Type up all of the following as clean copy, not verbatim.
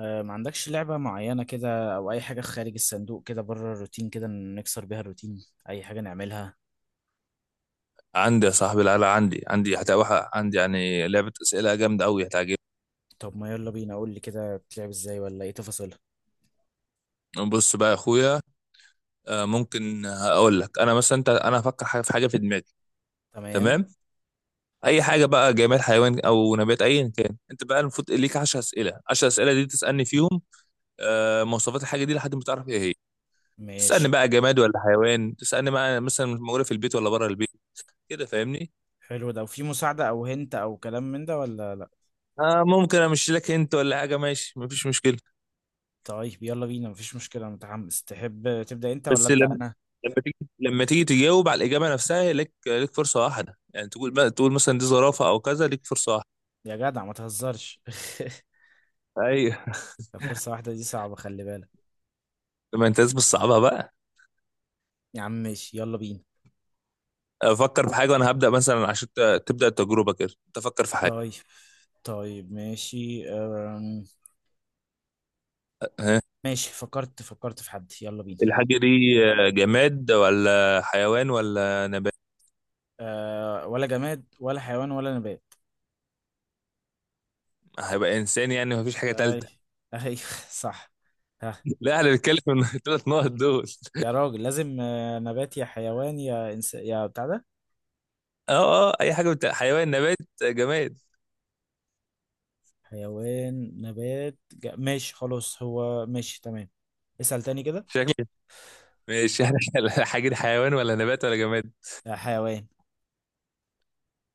ما عندكش لعبة معينة كده، أو أي حاجة خارج الصندوق كده، بره الروتين، كده نكسر بيها الروتين، أي حاجة نعملها؟ عندي يا صاحبي العلا عندي هتبقى عندي يعني لعبة أسئلة جامدة أوي هتعجبك. طب ما يلا بينا، قول لي كده بتلعب إزاي ولا إيه تفاصيلها؟ بص بقى يا أخويا. ممكن هقول لك أنا مثلا أنا هفكر حاجة في دماغي. تمام. تمام. أي حاجة بقى جماد حيوان أو نبات أيا كان، أنت بقى المفروض ليك 10 أسئلة، 10 أسئلة دي تسألني فيهم مواصفات الحاجة دي لحد ما تعرف إيه هي. تسألني ماشي. بقى جماد ولا حيوان، تسألني بقى مثلا موجودة في البيت ولا بره البيت. كده فاهمني؟ حلو ده، وفي مساعدة أو هنت أو كلام من ده ولا لأ؟ آه، ممكن أمشي لك أنت ولا حاجة، ماشي مفيش مشكلة. طيب يلا بينا، مفيش مشكلة، أنا متحمس. تحب تبدأ أنت ولا بس أبدأ لما أنا؟ لما تيجي لما تيجي تجاوب على الإجابة نفسها، ليك فرصة واحدة، يعني تقول بقى مثلا دي زرافة أو كذا، ليك فرصة واحدة. يا جدع ما تهزرش. أيوه. فرصة واحدة دي صعبة، خلي بالك. ما أنت لازم تصعبها بقى. يا عم ماشي، يلا بينا. أفكر في حاجة وأنا هبدأ مثلا، عشان تبدأ التجربة كده أنت فكر في حاجة. طيب، طيب، ماشي. ها. ماشي، فكرت في حد، يلا بينا. الحاجة دي جماد ولا حيوان ولا نبات؟ آه، ولا جماد ولا حيوان ولا نبات. هيبقى إنسان يعني، مفيش حاجة اي، تالتة. اي، صح. ها. لا، احنا بنتكلم من الثلاث نقط دول. يا راجل، لازم نبات يا حيوان يا يا بتاع ده. اه اه، اي حاجه بتاع حيوان نبات جماد. حيوان، نبات، ماشي خلاص، هو ماشي تمام. اسأل تاني كده. شكل. ماشي، احنا الحاجه دي حيوان ولا نبات ولا جماد؟ آه، حيوان.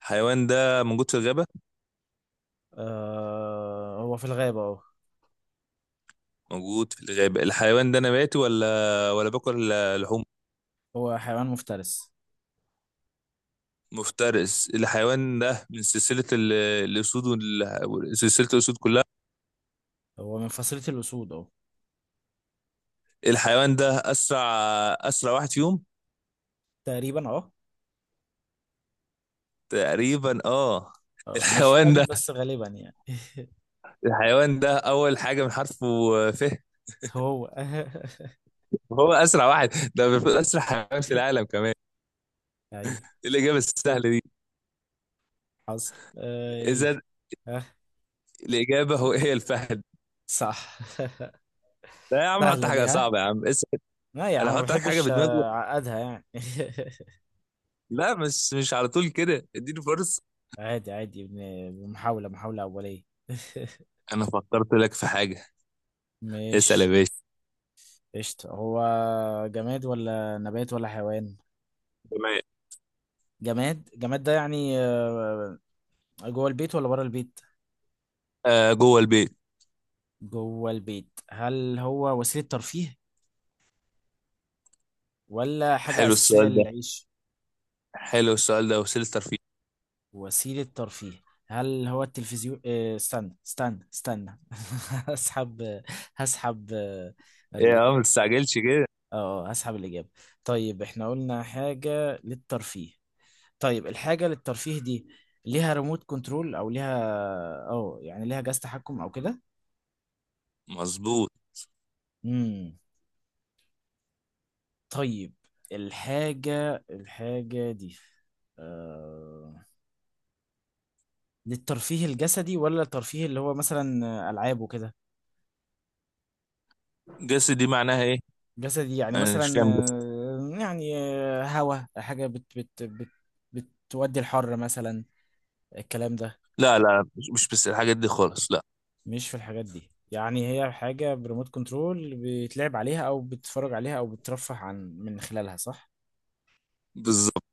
حيوان ده موجود في الغابه؟ آه، هو في الغابة، اه. موجود في الغابة. الحيوان ده نباتي ولا باكل لحوم؟ هو حيوان مفترس. مفترس. الحيوان ده من سلسلة الأسود، سلسلة الأسود كلها. هو من فصيلة الأسود، اه. الحيوان ده أسرع واحد فيهم. تقريبا، اه. تقريبا اه. آه، انا مش الحيوان متأكد ده بس غالبا يعني. الحيوان ده أول حاجة من حرفه ف هو. هو أسرع واحد. ده المفروض أسرع حيوان في العالم كمان. ايوه. إيه الإجابة السهلة دي؟ حصل اي؟ إذا ها. الإجابة هي الفهد. صح. لا يا عم، حط سهلة دي؟ حاجة ها. صعبة يا عم، اسأل. لا يا عم، أنا ما هحط لك حاجة بحبش بدماغي. اعقدها يعني. لا مش على طول كده، اديني فرصة. عادي، عادي، محاولة أولية. انا فكرت لك في حاجه. اسال مش يا باشا. قشطة. هو جماد ولا نبات ولا حيوان؟ تمام. جماد. ده يعني جوه البيت ولا بره البيت؟ آه، جوه البيت. جوه البيت. هل هو وسيلة ترفيه، ولا حاجة حلو أساسية السؤال ده، للعيش؟ وسيلتر فيه. وسيلة ترفيه. هل هو التلفزيون؟ آه، استنى استنى استنى. هسحب. هسحب ايه يا عم، ما الإجابة. تستعجلش كده. اه، هسحب الإجابة. طيب، احنا قلنا حاجة للترفيه. طيب، الحاجة للترفيه دي ليها ريموت كنترول او ليها، اه يعني ليها جهاز تحكم او كده؟ مظبوط. امم. طيب، الحاجة دي آه... للترفيه الجسدي، ولا الترفيه اللي هو مثلا ألعاب وكده؟ جسد دي معناها ايه؟ جسدي يعني انا مش مثلا، فاهم جسد. يعني هوا حاجة بت بت بت بتودي الحر مثلا، الكلام ده. لا لا، مش بس الحاجات دي خالص، لا. مش في الحاجات دي، يعني هي حاجة بريموت كنترول بيتلعب عليها أو بتتفرج عليها أو بترفه عن من خلالها، صح؟ بالظبط.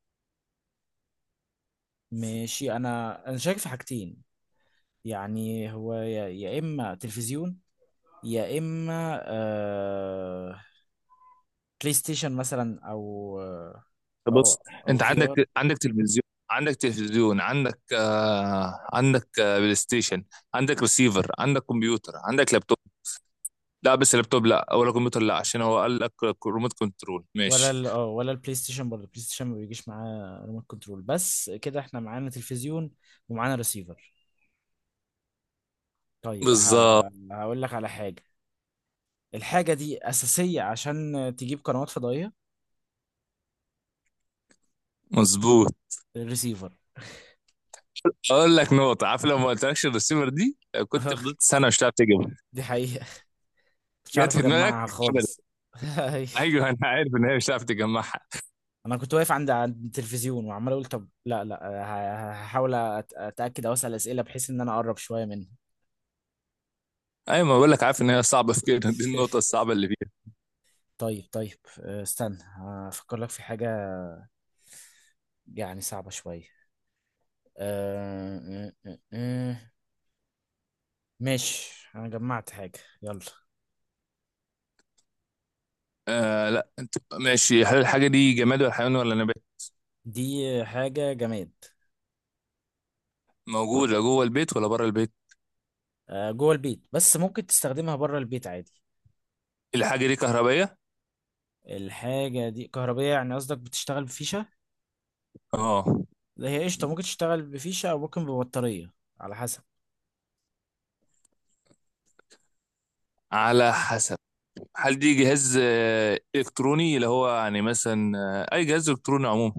ماشي، أنا شايف في حاجتين. يعني هو يا إما تلفزيون، يا إما بلاي ستيشن مثلا، أو بص. أو أو انت في آر. عندك تلفزيون، عندك تلفزيون، عندك عندك بلاي ستيشن، عندك ريسيفر، عندك كمبيوتر، عندك لابتوب. لا بس اللابتوب لا، ولا كمبيوتر لا، عشان هو قال لك ريموت كنترول. ولا ماشي. ال آه ولا البلاي ستيشن. برضه البلاي ستيشن ما بيجيش معاه ريموت كنترول. بس كده إحنا معانا تلفزيون ومعانا ريسيفر. طيب بس بالظبط. هقول لك على حاجة. الحاجة دي أساسية عشان تجيب قنوات فضائية. مظبوط. الريسيفر. اقول لك نقطه، عارف لو ما قلتلكش الريسيفر دي، كنت فضلت سنه مش هتعرف تجيبها. دي حقيقة. مش عارف جت في دماغك. أجمعها ابدا. خالص. أيوة. ايوه، انا عارف ان هي مش هتعرف تجمعها. أنا كنت واقف عند التلفزيون وعمال أقول: طب، لا، لا، هحاول أتأكد، أو أسأل أسئلة بحيث إن أنا أقرب شوية منه. ايوه، ما بقول لك، عارف ان هي صعبه في كده، دي النقطه الصعبه اللي فيها. طيب، طيب، استنى، هفكر لك في حاجة. يعني صعبة شوية. أه، أه، أه، أه. ماشي، أنا جمعت حاجة، يلا. آه، لا انت ماشي. هل الحاجه دي جماد ولا حيوان ولا نبات؟ دي حاجة جماد. موجوده جوه البيت ولا بره البيت؟ أه، جوه البيت، بس ممكن تستخدمها بره البيت عادي. الحاجه دي كهربائيه؟ الحاجة دي كهربية، يعني قصدك بتشتغل بفيشة؟ اه. لا، هي قشطة ممكن تشتغل بفيشة أو ممكن ببطارية. على حسب. على حسب. هل دي جهاز الكتروني، اللي هو يعني مثلا اي جهاز الكتروني عموما؟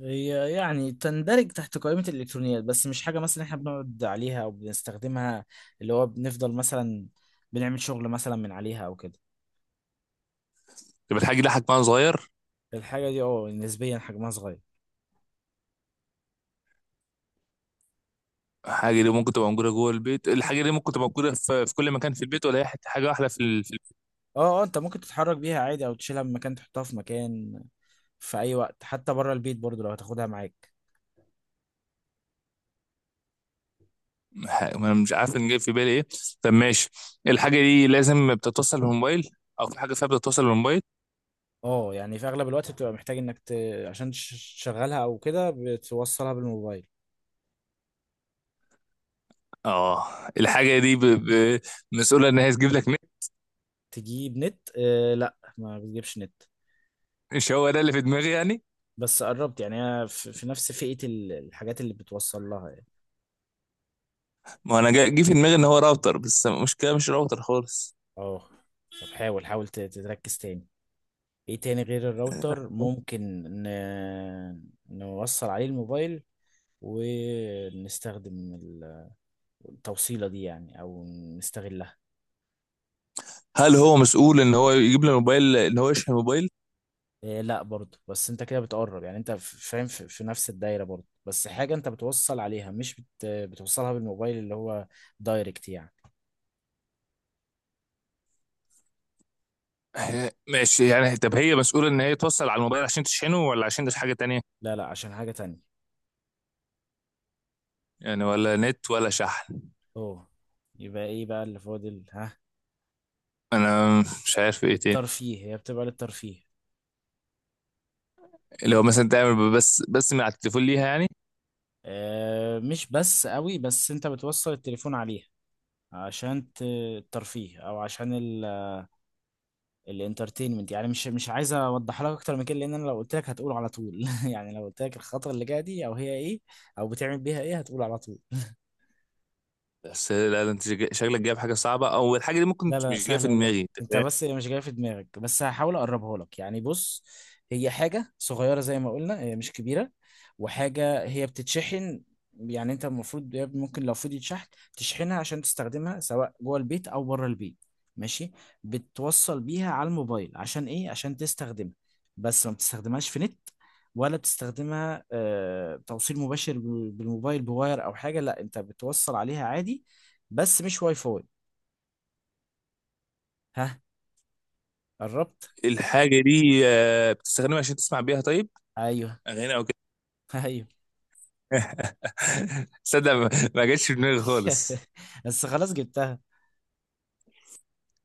هي يعني تندرج تحت قائمة الإلكترونيات، بس مش حاجة مثلا إحنا بنقعد عليها أو بنستخدمها، اللي هو بنفضل مثلا بنعمل شغل مثلا من عليها أو كده. طب الحاجه دي حجمها صغير؟ الحاجة دي نسبيا حجمها صغير. الحاجة دي ممكن تبقى موجودة جوه البيت، الحاجة دي ممكن تبقى موجودة في كل مكان في البيت، ولا هي حاجة واحدة أه، أه، أنت ممكن تتحرك بيها عادي أو تشيلها من مكان، تحطها في مكان، في أي وقت، حتى بره البيت برضو لو هتاخدها معاك. ما أنا مش عارف إن جاي في بالي إيه. طب ماشي. الحاجة دي لازم بتتوصل بالموبايل؟ أو في حاجة فيها بتتوصل بالموبايل؟ أه، يعني في أغلب الوقت بتبقى محتاج إنك عشان تشغلها أو كده بتوصلها بالموبايل. آه. الحاجة دي مسؤولة إن هي تجيب لك نت؟ تجيب نت؟ آه، لا، ما بتجيبش نت. مش هو ده اللي في دماغي يعني. بس قربت، يعني هي في نفس فئة الحاجات اللي بتوصل لها يعني. ما أنا جه في دماغي إن هو راوتر، بس المشكلة مش راوتر خالص. اه. طب، حاول حاول تركز تاني. ايه تاني غير الراوتر ممكن نوصل عليه الموبايل، ونستخدم التوصيلة دي يعني، او نستغلها. هل هو مسؤول إن هو يجيب لي موبايل، إن هو يشحن موبايل؟ إيه، لا برضه، بس انت كده بتقرب يعني، انت فاهم، في نفس الدايرة برضه، بس حاجة انت بتوصل عليها، مش بتوصلها بالموبايل اللي هو دايركت يعني. ماشي يعني. طب هي مسؤولة إن هي توصل على الموبايل عشان تشحنه، ولا عشان ده حاجة تانية؟ لا، لا، عشان حاجة تانية. يعني ولا نت ولا شحن. اوه. يبقى ايه بقى اللي فاضل؟ ها. انا مش عارف ايه تاني. للترفيه، هي بتبقى للترفيه. لو مثلا تعمل بس من على التليفون ليها يعني. آه، مش بس قوي، بس انت بتوصل التليفون عليها عشان الترفيه، او عشان الانترتينمنت يعني. مش عايز اوضح لك اكتر من كده، لان انا لو قلت لك هتقول على طول. يعني لو قلت لك الخطوه اللي جايه دي او هي ايه، او بتعمل بيها ايه، هتقول على طول. بس لا، ده انت شكلك جايب حاجه صعبه، او الحاجه دي ممكن لا، لا، مش جايه في سهلة والله. دماغي، انت انت فاهم. بس مش جاي في دماغك. بس هحاول اقربها لك يعني، بص. هي حاجة صغيرة زي ما قلنا، هي مش كبيرة. وحاجة هي بتتشحن. يعني انت المفروض يا ابني، ممكن لو فضيت شحن تشحنها عشان تستخدمها، سواء جوه البيت او بره البيت. ماشي. بتوصل بيها على الموبايل عشان ايه؟ عشان تستخدمها. بس ما بتستخدمهاش في نت، ولا بتستخدمها توصيل مباشر بالموبايل بواير او حاجة. لا، انت بتوصل عليها عادي. بس مش واي فاي. ها، قربت. الحاجه دي بتستخدمها عشان تسمع بيها؟ طيب. ايوه. اغاني او كده. ايوه. صدق ما جاتش في دماغي خالص. بس خلاص، جبتها.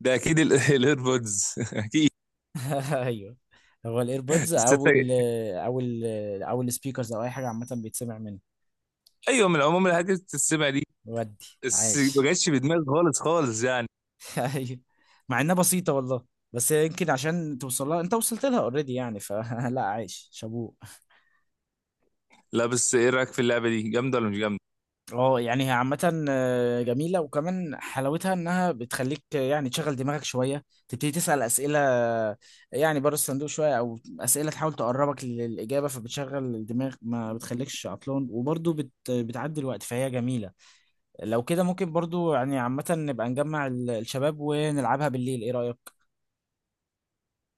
ده اكيد الايربودز اكيد. ايوه. هو الايربودز، بس او انت- او او السبيكرز، او اي حاجه عامه بيتسمع منه. ايوه، من عموم الحاجات اللي بتتسمع دي. ودي. بس ما عاش. جاتش في دماغي خالص خالص يعني. ايوه. مع انها بسيطه والله. بس يمكن عشان توصل لها، انت وصلت لها اوريدي يعني، فلا. عايش، شابوه. لا بس ايه رايك في اللعبه دي، جامده ولا مش جامده؟ اه، يعني هي عامة جميلة، وكمان حلاوتها انها بتخليك يعني تشغل دماغك شوية، تبتدي تسأل اسئلة، يعني بره الصندوق شوية، او اسئلة تحاول تقربك للإجابة، فبتشغل الدماغ، ما بتخليكش عطلان، وبرضه بتعدي الوقت، فهي جميلة. لو كده، ممكن برضه يعني عامة نبقى نجمع الشباب ونلعبها بالليل، ايه رأيك؟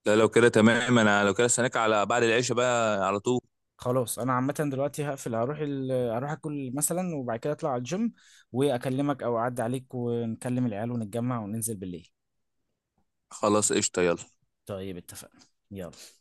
لا لو كده تمام، انا لو كده استناك على بعد العشاء بقى على طول. خلاص، انا عامة دلوقتي هقفل، هروح اكل مثلا، وبعد كده اطلع على الجيم، واكلمك او اعدي عليك، ونكلم العيال، ونتجمع وننزل بالليل. خلاص قشطه، يلا. طيب، اتفقنا. يلا.